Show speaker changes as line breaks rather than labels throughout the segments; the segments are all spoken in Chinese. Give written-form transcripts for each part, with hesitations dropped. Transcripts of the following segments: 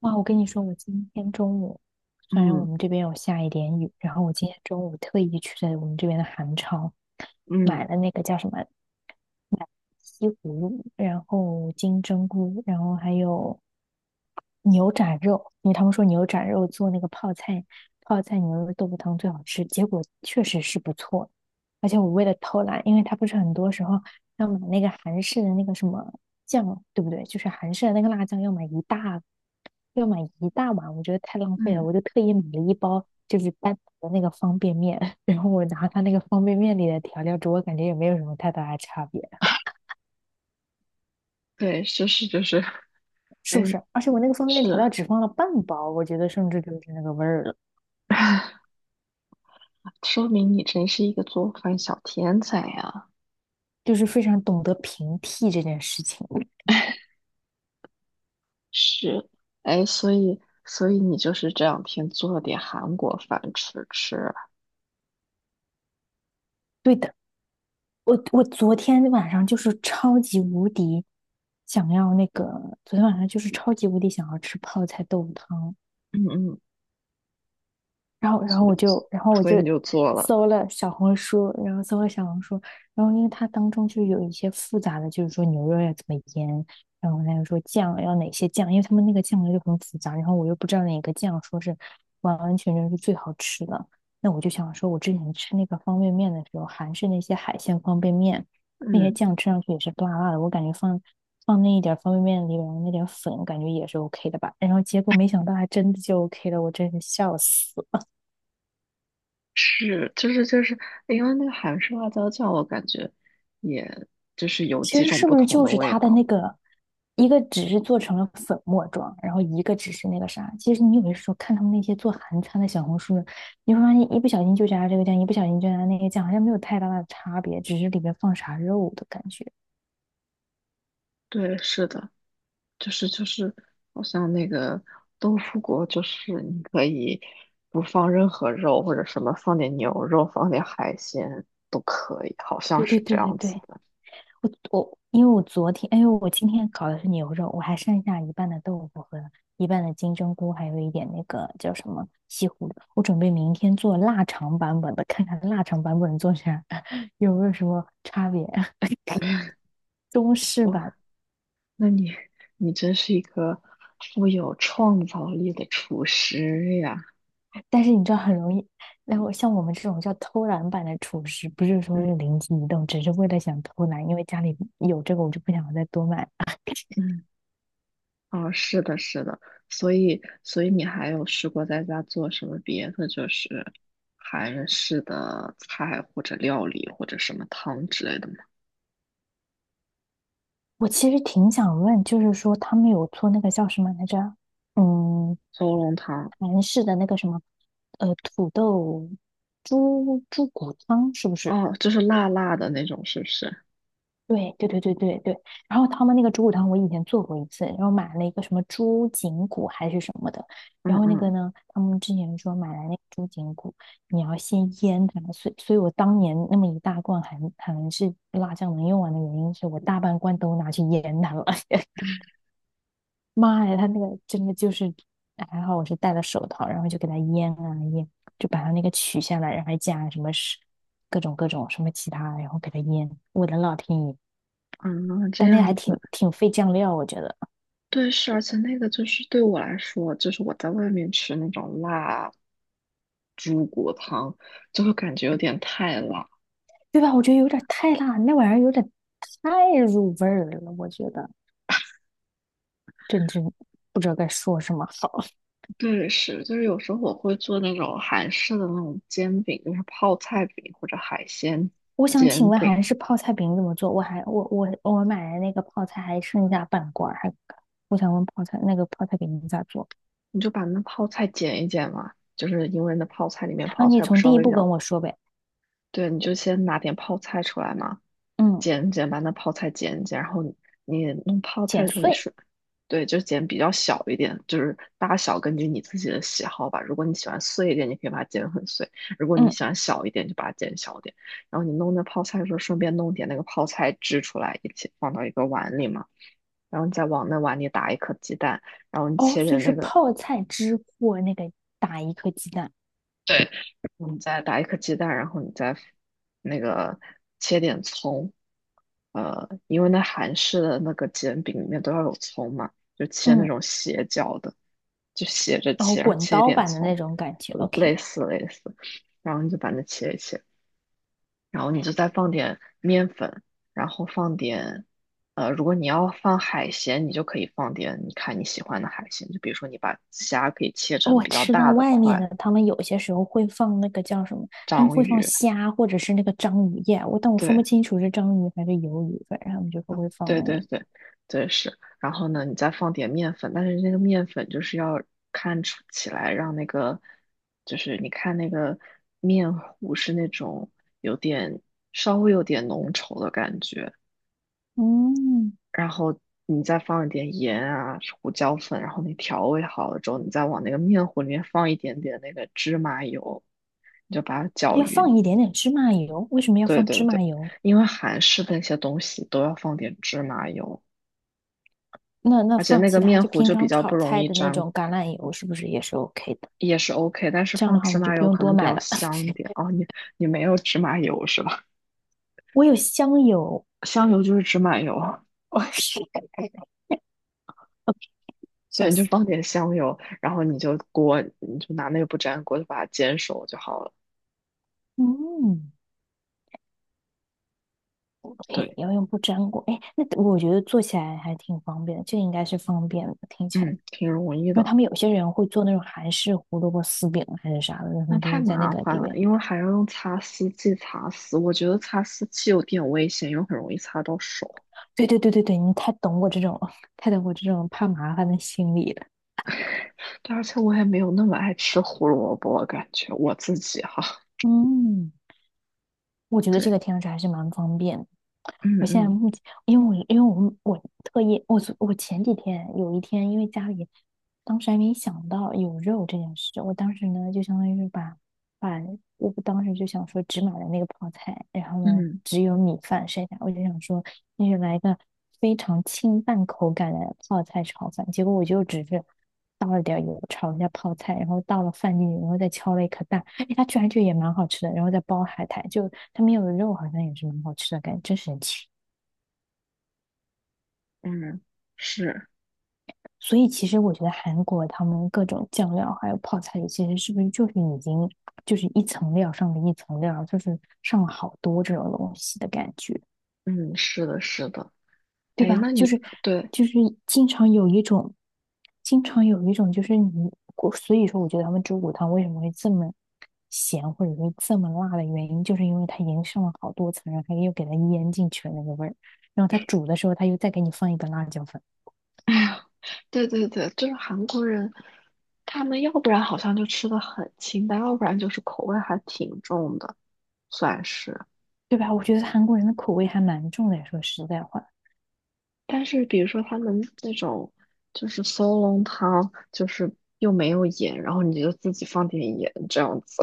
哇，我跟你说，我今天中午虽然我
嗯
们这边有下一点雨，然后我今天中午特意去在我们这边的韩超买
嗯
了那个叫什么西葫芦，然后金针菇，然后还有牛展肉，因为他们说牛展肉做那个泡菜牛肉豆腐汤最好吃，结果确实是不错。而且我为了偷懒，因为它不是很多时候要买那个韩式的那个什么酱，对不对？就是韩式的那个辣酱要买一大要买一大碗，我觉得太浪费了，
嗯，
我就特意买了一包就是单独的那个方便面，然后我拿它那个方便面里的调料煮，我感觉也没有什么太大的差别。
对，是是就是，
是
哎，
不是？而且我那个方便面调
是，
料只放了半包，我觉得甚至就是那个味儿了，
说明你真是一个做饭小天才呀。
就是非常懂得平替这件事情。
是，哎，所以所以你就是这两天做了点韩国饭吃吃啊？
对的，我昨天晚上就是超级无敌想要那个，昨天晚上就是超级无敌想要吃泡菜豆腐汤，
嗯嗯。
然后，然后
所以
我就，然后我
所以
就
你就做了。
搜了小红书，然后因为它当中就有一些复杂的，就是说牛肉要怎么腌，然后还有说酱要哪些酱，因为他们那个酱料就很复杂，然后我又不知道哪个酱说是完完全全是最好吃的，那我就想说，我之前吃那个方便面的时候，韩式那些海鲜方便面，那些
嗯，
酱吃上去也是辣辣的，我感觉放。放那一点方便面里边那点粉，感觉也是 OK 的吧。然后结果没想到还真的就 OK 了，我真是笑死。
是，就是就是，因为那个韩式辣椒酱，我感觉也就是有
其
几
实
种
是
不
不是
同
就
的
是
味
它的
道。
那个，一个只是做成了粉末状，然后一个只是那个啥。其实你有的时候看他们那些做韩餐的小红书，你会发现一不小心就加这个酱，一不小心就加那个酱，好像没有太大的差别，只是里面放啥肉的感觉。
对，是的。就是就是，好像那个豆腐果，就是你可以不放任何肉，或者什么放点牛肉，放点海鲜都可以，好像
对对
是这
对对
样子
对，
的。
我因为我昨天，哎呦，我今天搞的是牛肉，我还剩下一半的豆腐和一半的金针菇，还有一点那个叫什么西葫芦。我准备明天做腊肠版本的，看看腊肠版本做成啥有没有什么差别？中式版，
哇，那你真是一个富有创造力的厨师呀！
但是你知道很容易，那我像我们这种叫偷懒版的厨师，不是说
嗯
是灵机一动，只是为了想偷懒，因为家里有这个，我就不想再多买。
嗯，哦，是的，是的。所以你还有试过在家做什么别的，就是韩式的菜或者料理或者什么汤之类的吗？
我其实挺想问，就是说他们有做那个叫什么来着？嗯，
小乌龙汤
韩式的那个什么，土豆猪骨汤是不是？
哦，就是辣辣的那种，是不是？
对对对对对对，然后他们那个猪骨汤我以前做过一次，然后买了一个什么猪颈骨还是什么的，
嗯
然后那个
嗯
呢，他们之前说买来那个猪颈骨，你要先腌它，所以我当年那么一大罐还韩是辣酱能用完的原因是我大半罐都拿去腌它了，妈呀，它那个真的就是还好我是戴了手套，然后就给它腌啊腌，就把它那个取下来，然后还加什么是各种各种什么其他，然后给它腌，我的老天爷！
嗯，这
但那个
样
还挺
子。
挺费酱料，我觉得，
对，是，而且那个就是对我来说，就是我在外面吃那种辣猪骨汤，就会感觉有点太辣。
对吧？我觉得有点太辣，那玩意儿有点太入味儿了，我觉得真不知道该说什么好。
对，是，就是有时候我会做那种韩式的那种煎饼，就是泡菜饼或者海鲜
我想请
煎
问还
饼。
是泡菜饼怎么做？我还我买的那个泡菜还剩下半罐儿，还我想问泡菜那个泡菜饼咋做
你就把那泡菜剪一剪嘛，就是因为那泡菜里面
啊？
泡
你
菜不
从
稍
第一
微比
步
较，
跟我说呗。
对，你就先拿点泡菜出来嘛。
嗯，
剪剪，把那泡菜剪一剪，然后你弄泡菜
剪
的时候，你
碎，
是对，就剪比较小一点，就是大小根据你自己的喜好吧。如果你喜欢碎一点，你可以把它剪很碎；如果你
嗯，
喜欢小一点，就把它剪小一点。然后你弄那泡菜的时候，顺便弄点那个泡菜汁出来，一起放到一个碗里嘛。然后你再往那碗里打一颗鸡蛋，然后你
哦，
切
所以
点
是
那个
泡菜汁或那个打一颗鸡蛋，
对，你再打一颗鸡蛋，然后你再那个切点葱，因为那韩式的那个煎饼里面都要有葱嘛，就切那
嗯，
种斜角的，就斜着
然后
切，然后
滚
切一
刀
点
版的那
葱。
种感觉
呃类
，OK。
似类似，然后你就把它切一切，然后你就再放点面粉，然后放点，如果你要放海鲜，你就可以放点你看你喜欢的海鲜，就比如说你把虾可以切成
我
比较
吃到
大的
外面的，
块，
他们有些时候会放那个叫什么，他们
章
会放
鱼，
虾或者是那个章鱼耶，我但我分不
对。
清楚是章鱼还是鱿鱼，反正他们就不会放
对
那
对
个。
对，对是。然后呢，你再放点面粉，但是那个面粉就是要看出起来，让那个就是你看那个面糊是那种有点稍微有点浓稠的感觉，
嗯，
然后你再放一点盐啊、胡椒粉，然后你调味好了之后，你再往那个面糊里面放一点点那个芝麻油，你就把它搅
要
匀。
放一点点芝麻油，为什么要
对
放芝
对
麻
对，
油？
因为韩式的那些东西都要放点芝麻油。
那那
而且
放
那个
其他
面
就
糊
平
就比
常
较不
炒
容
菜
易
的那
粘，
种橄榄油是不是也是 OK 的？
也是 OK,但是
这样
放
的话我
芝
们就
麻
不
油
用
可
多
能比
买
较
了。
香 点。哦，你没有芝麻油是吧？
我有香油，
香油就是芝麻油啊。
我是 笑
对，你就
死。
放点香油，然后你就拿那个不粘锅就把它煎熟就好了。
嗯，OK，
对，
要用不粘锅，哎，那我觉得做起来还挺方便的，这应该是方便的，听起来。
嗯，挺容易
因为
的。
他们有些人会做那种韩式胡萝卜丝饼啊还是啥的，然后他
那
们就
太
会在那
麻
个
烦
里
了，
面。
因为还要用擦丝器擦丝，我觉得擦丝器有点危险，又很容易擦到手。
对对对对对，你太懂我这种，太懂我这种怕麻烦的心理了。
对，而且我也没有那么爱吃胡萝卜，感觉我自己哈。
嗯，我 觉得这
对，
个听上去还是蛮方便的。
嗯
我现在
嗯
目前，因为我特意我前几天有一天，因为家里当时还没想到有肉这件事，我当时呢就相当于是把我当时就想说只买了那个泡菜，然后呢
嗯。
只有米饭剩下，我就想说那就来一个非常清淡口感的泡菜炒饭，结果我就只是倒了点油炒了一下泡菜，然后倒了饭进去，然后再敲了一颗蛋，哎，它居然就也蛮好吃的，然后再包海苔，就它没有肉，好像也是蛮好吃的感觉，真神奇。
嗯，是，
所以其实我觉得韩国他们各种酱料还有泡菜里其实是不是就是已经就是一层料上了一层料，就是上了好多这种东西的感觉，
嗯，是的，是的。
对
哎，
吧？
那
就
你
是
对
就是经常有一种，经常有一种就是你，我所以说我觉得他们猪骨汤为什么会这么咸或者说这么辣的原因，就是因为它已经上了好多层，然后它又给它腌进去了那个味儿，然后它煮的时候它又再给你放一个辣椒粉，
对对对，就是韩国人，他们要不然好像就吃的很清淡，要不然就是口味还挺重的，算是。
对吧？我觉得韩国人的口味还蛮重的，说实在话。
但是比如说他们那种就是烧龙汤，就是又没有盐，然后你就自己放点盐这样子。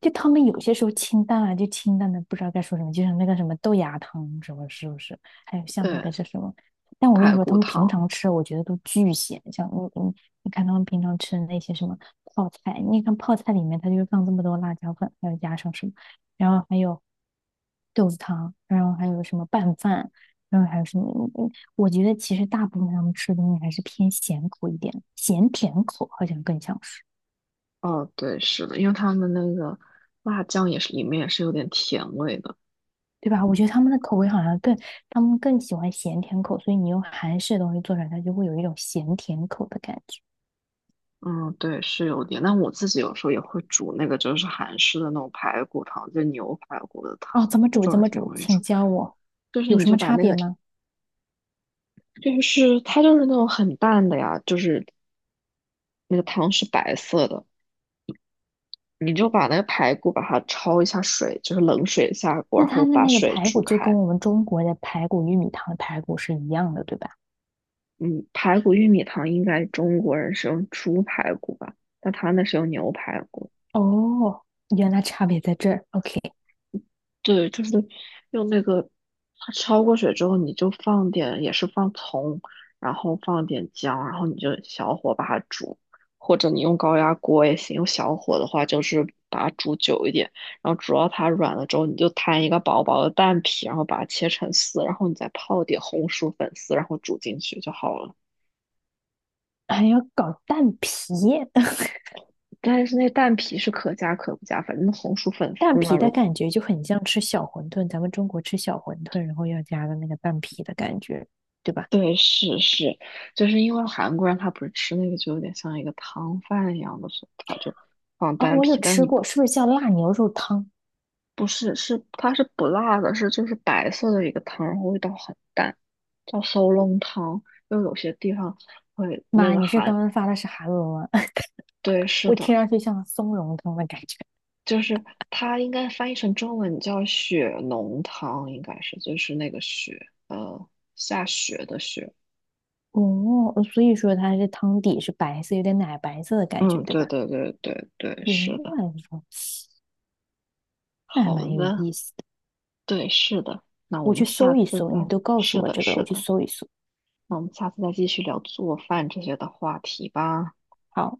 就他们有些时候清淡啊，就清淡的不知道该说什么，就像那个什么豆芽汤什么，是不是？还有 像那
对，
个是什么？但我跟你
排
说，他
骨
们平
汤。
常吃，我觉得都巨咸。像你你看他们平常吃的那些什么泡菜，你看泡菜里面它就是放这么多辣椒粉，还有加上什么，然后还有豆子汤，然后还有什么拌饭，然后还有什么？嗯我觉得其实大部分他们吃的东西还是偏咸口一点，咸甜口好像更像是。
哦，对，是的，因为他们那个辣酱也是里面也是有点甜味的。
对吧？我觉得他们的口味好像更，他们更喜欢咸甜口，所以你用韩式的东西做出来，它就会有一种咸甜口的感觉。
嗯，对，是有点，但我自己有时候也会煮那个，就是韩式的那种排骨汤，就牛排骨的汤，
哦，怎么
那
煮？
种
怎
也
么
挺
煮？
容易
请
煮。
教我，
就是
有
你
什
就
么
把
差
那
别
个，
吗？
就是它就是那种很淡的呀，就是那个汤是白色的，你就把那个排骨把它焯一下水，就是冷水下锅，
那
然后
它的
把
那个
水
排
煮
骨就跟
开。
我们中国的排骨、玉米汤的排骨是一样的，对吧？
嗯，排骨玉米汤应该中国人是用猪排骨吧，但他那是用牛排骨。
哦，原来差别在这儿。OK，
对，就是用那个，它焯过水之后，你就放点，也是放葱，然后放点姜，然后你就小火把它煮，或者你用高压锅也行，用小火的话就是把它煮久一点，然后煮到它软了之后，你就摊一个薄薄的蛋皮，然后把它切成丝，然后你再泡点红薯粉丝，然后煮进去就好了。
还要搞蛋皮，
但是那蛋皮是可加可不加，反正红薯粉
蛋
丝呢，
皮的
如
感觉就很像吃小馄饨，咱们中国吃小馄饨，然后要加的那个蛋皮的感觉，对吧？
对，就是因为韩国人他不是吃那个就有点像一个汤饭一样的，所以他就放
哦，
丹
我有
皮，但
吃
你
过，
不
是不是叫辣牛肉汤？
不是是它是不辣的，是就是白色的一个汤，然后味道很淡，叫搜笼汤。因为有些地方会那
妈，
个
你是
韩，
刚刚发的是韩文吗？
对，是
我听
的，
上去像松茸汤的感觉。
就是它应该翻译成中文叫雪浓汤，应该是就是那个雪，下雪的雪。
哦，所以说它是汤底是白色，有点奶白色的感
嗯，
觉，对
对
吧？
对对对对，
原
是的，
来如此，那还
好
蛮有
的。
意思的。
对，是的。那我
我
们
去
下
搜一
次
搜，你
再，
都告诉
是
我
的，
这个了，
是
我去
的。
搜一搜。
那我们下次再继续聊做饭这些的话题吧。
好。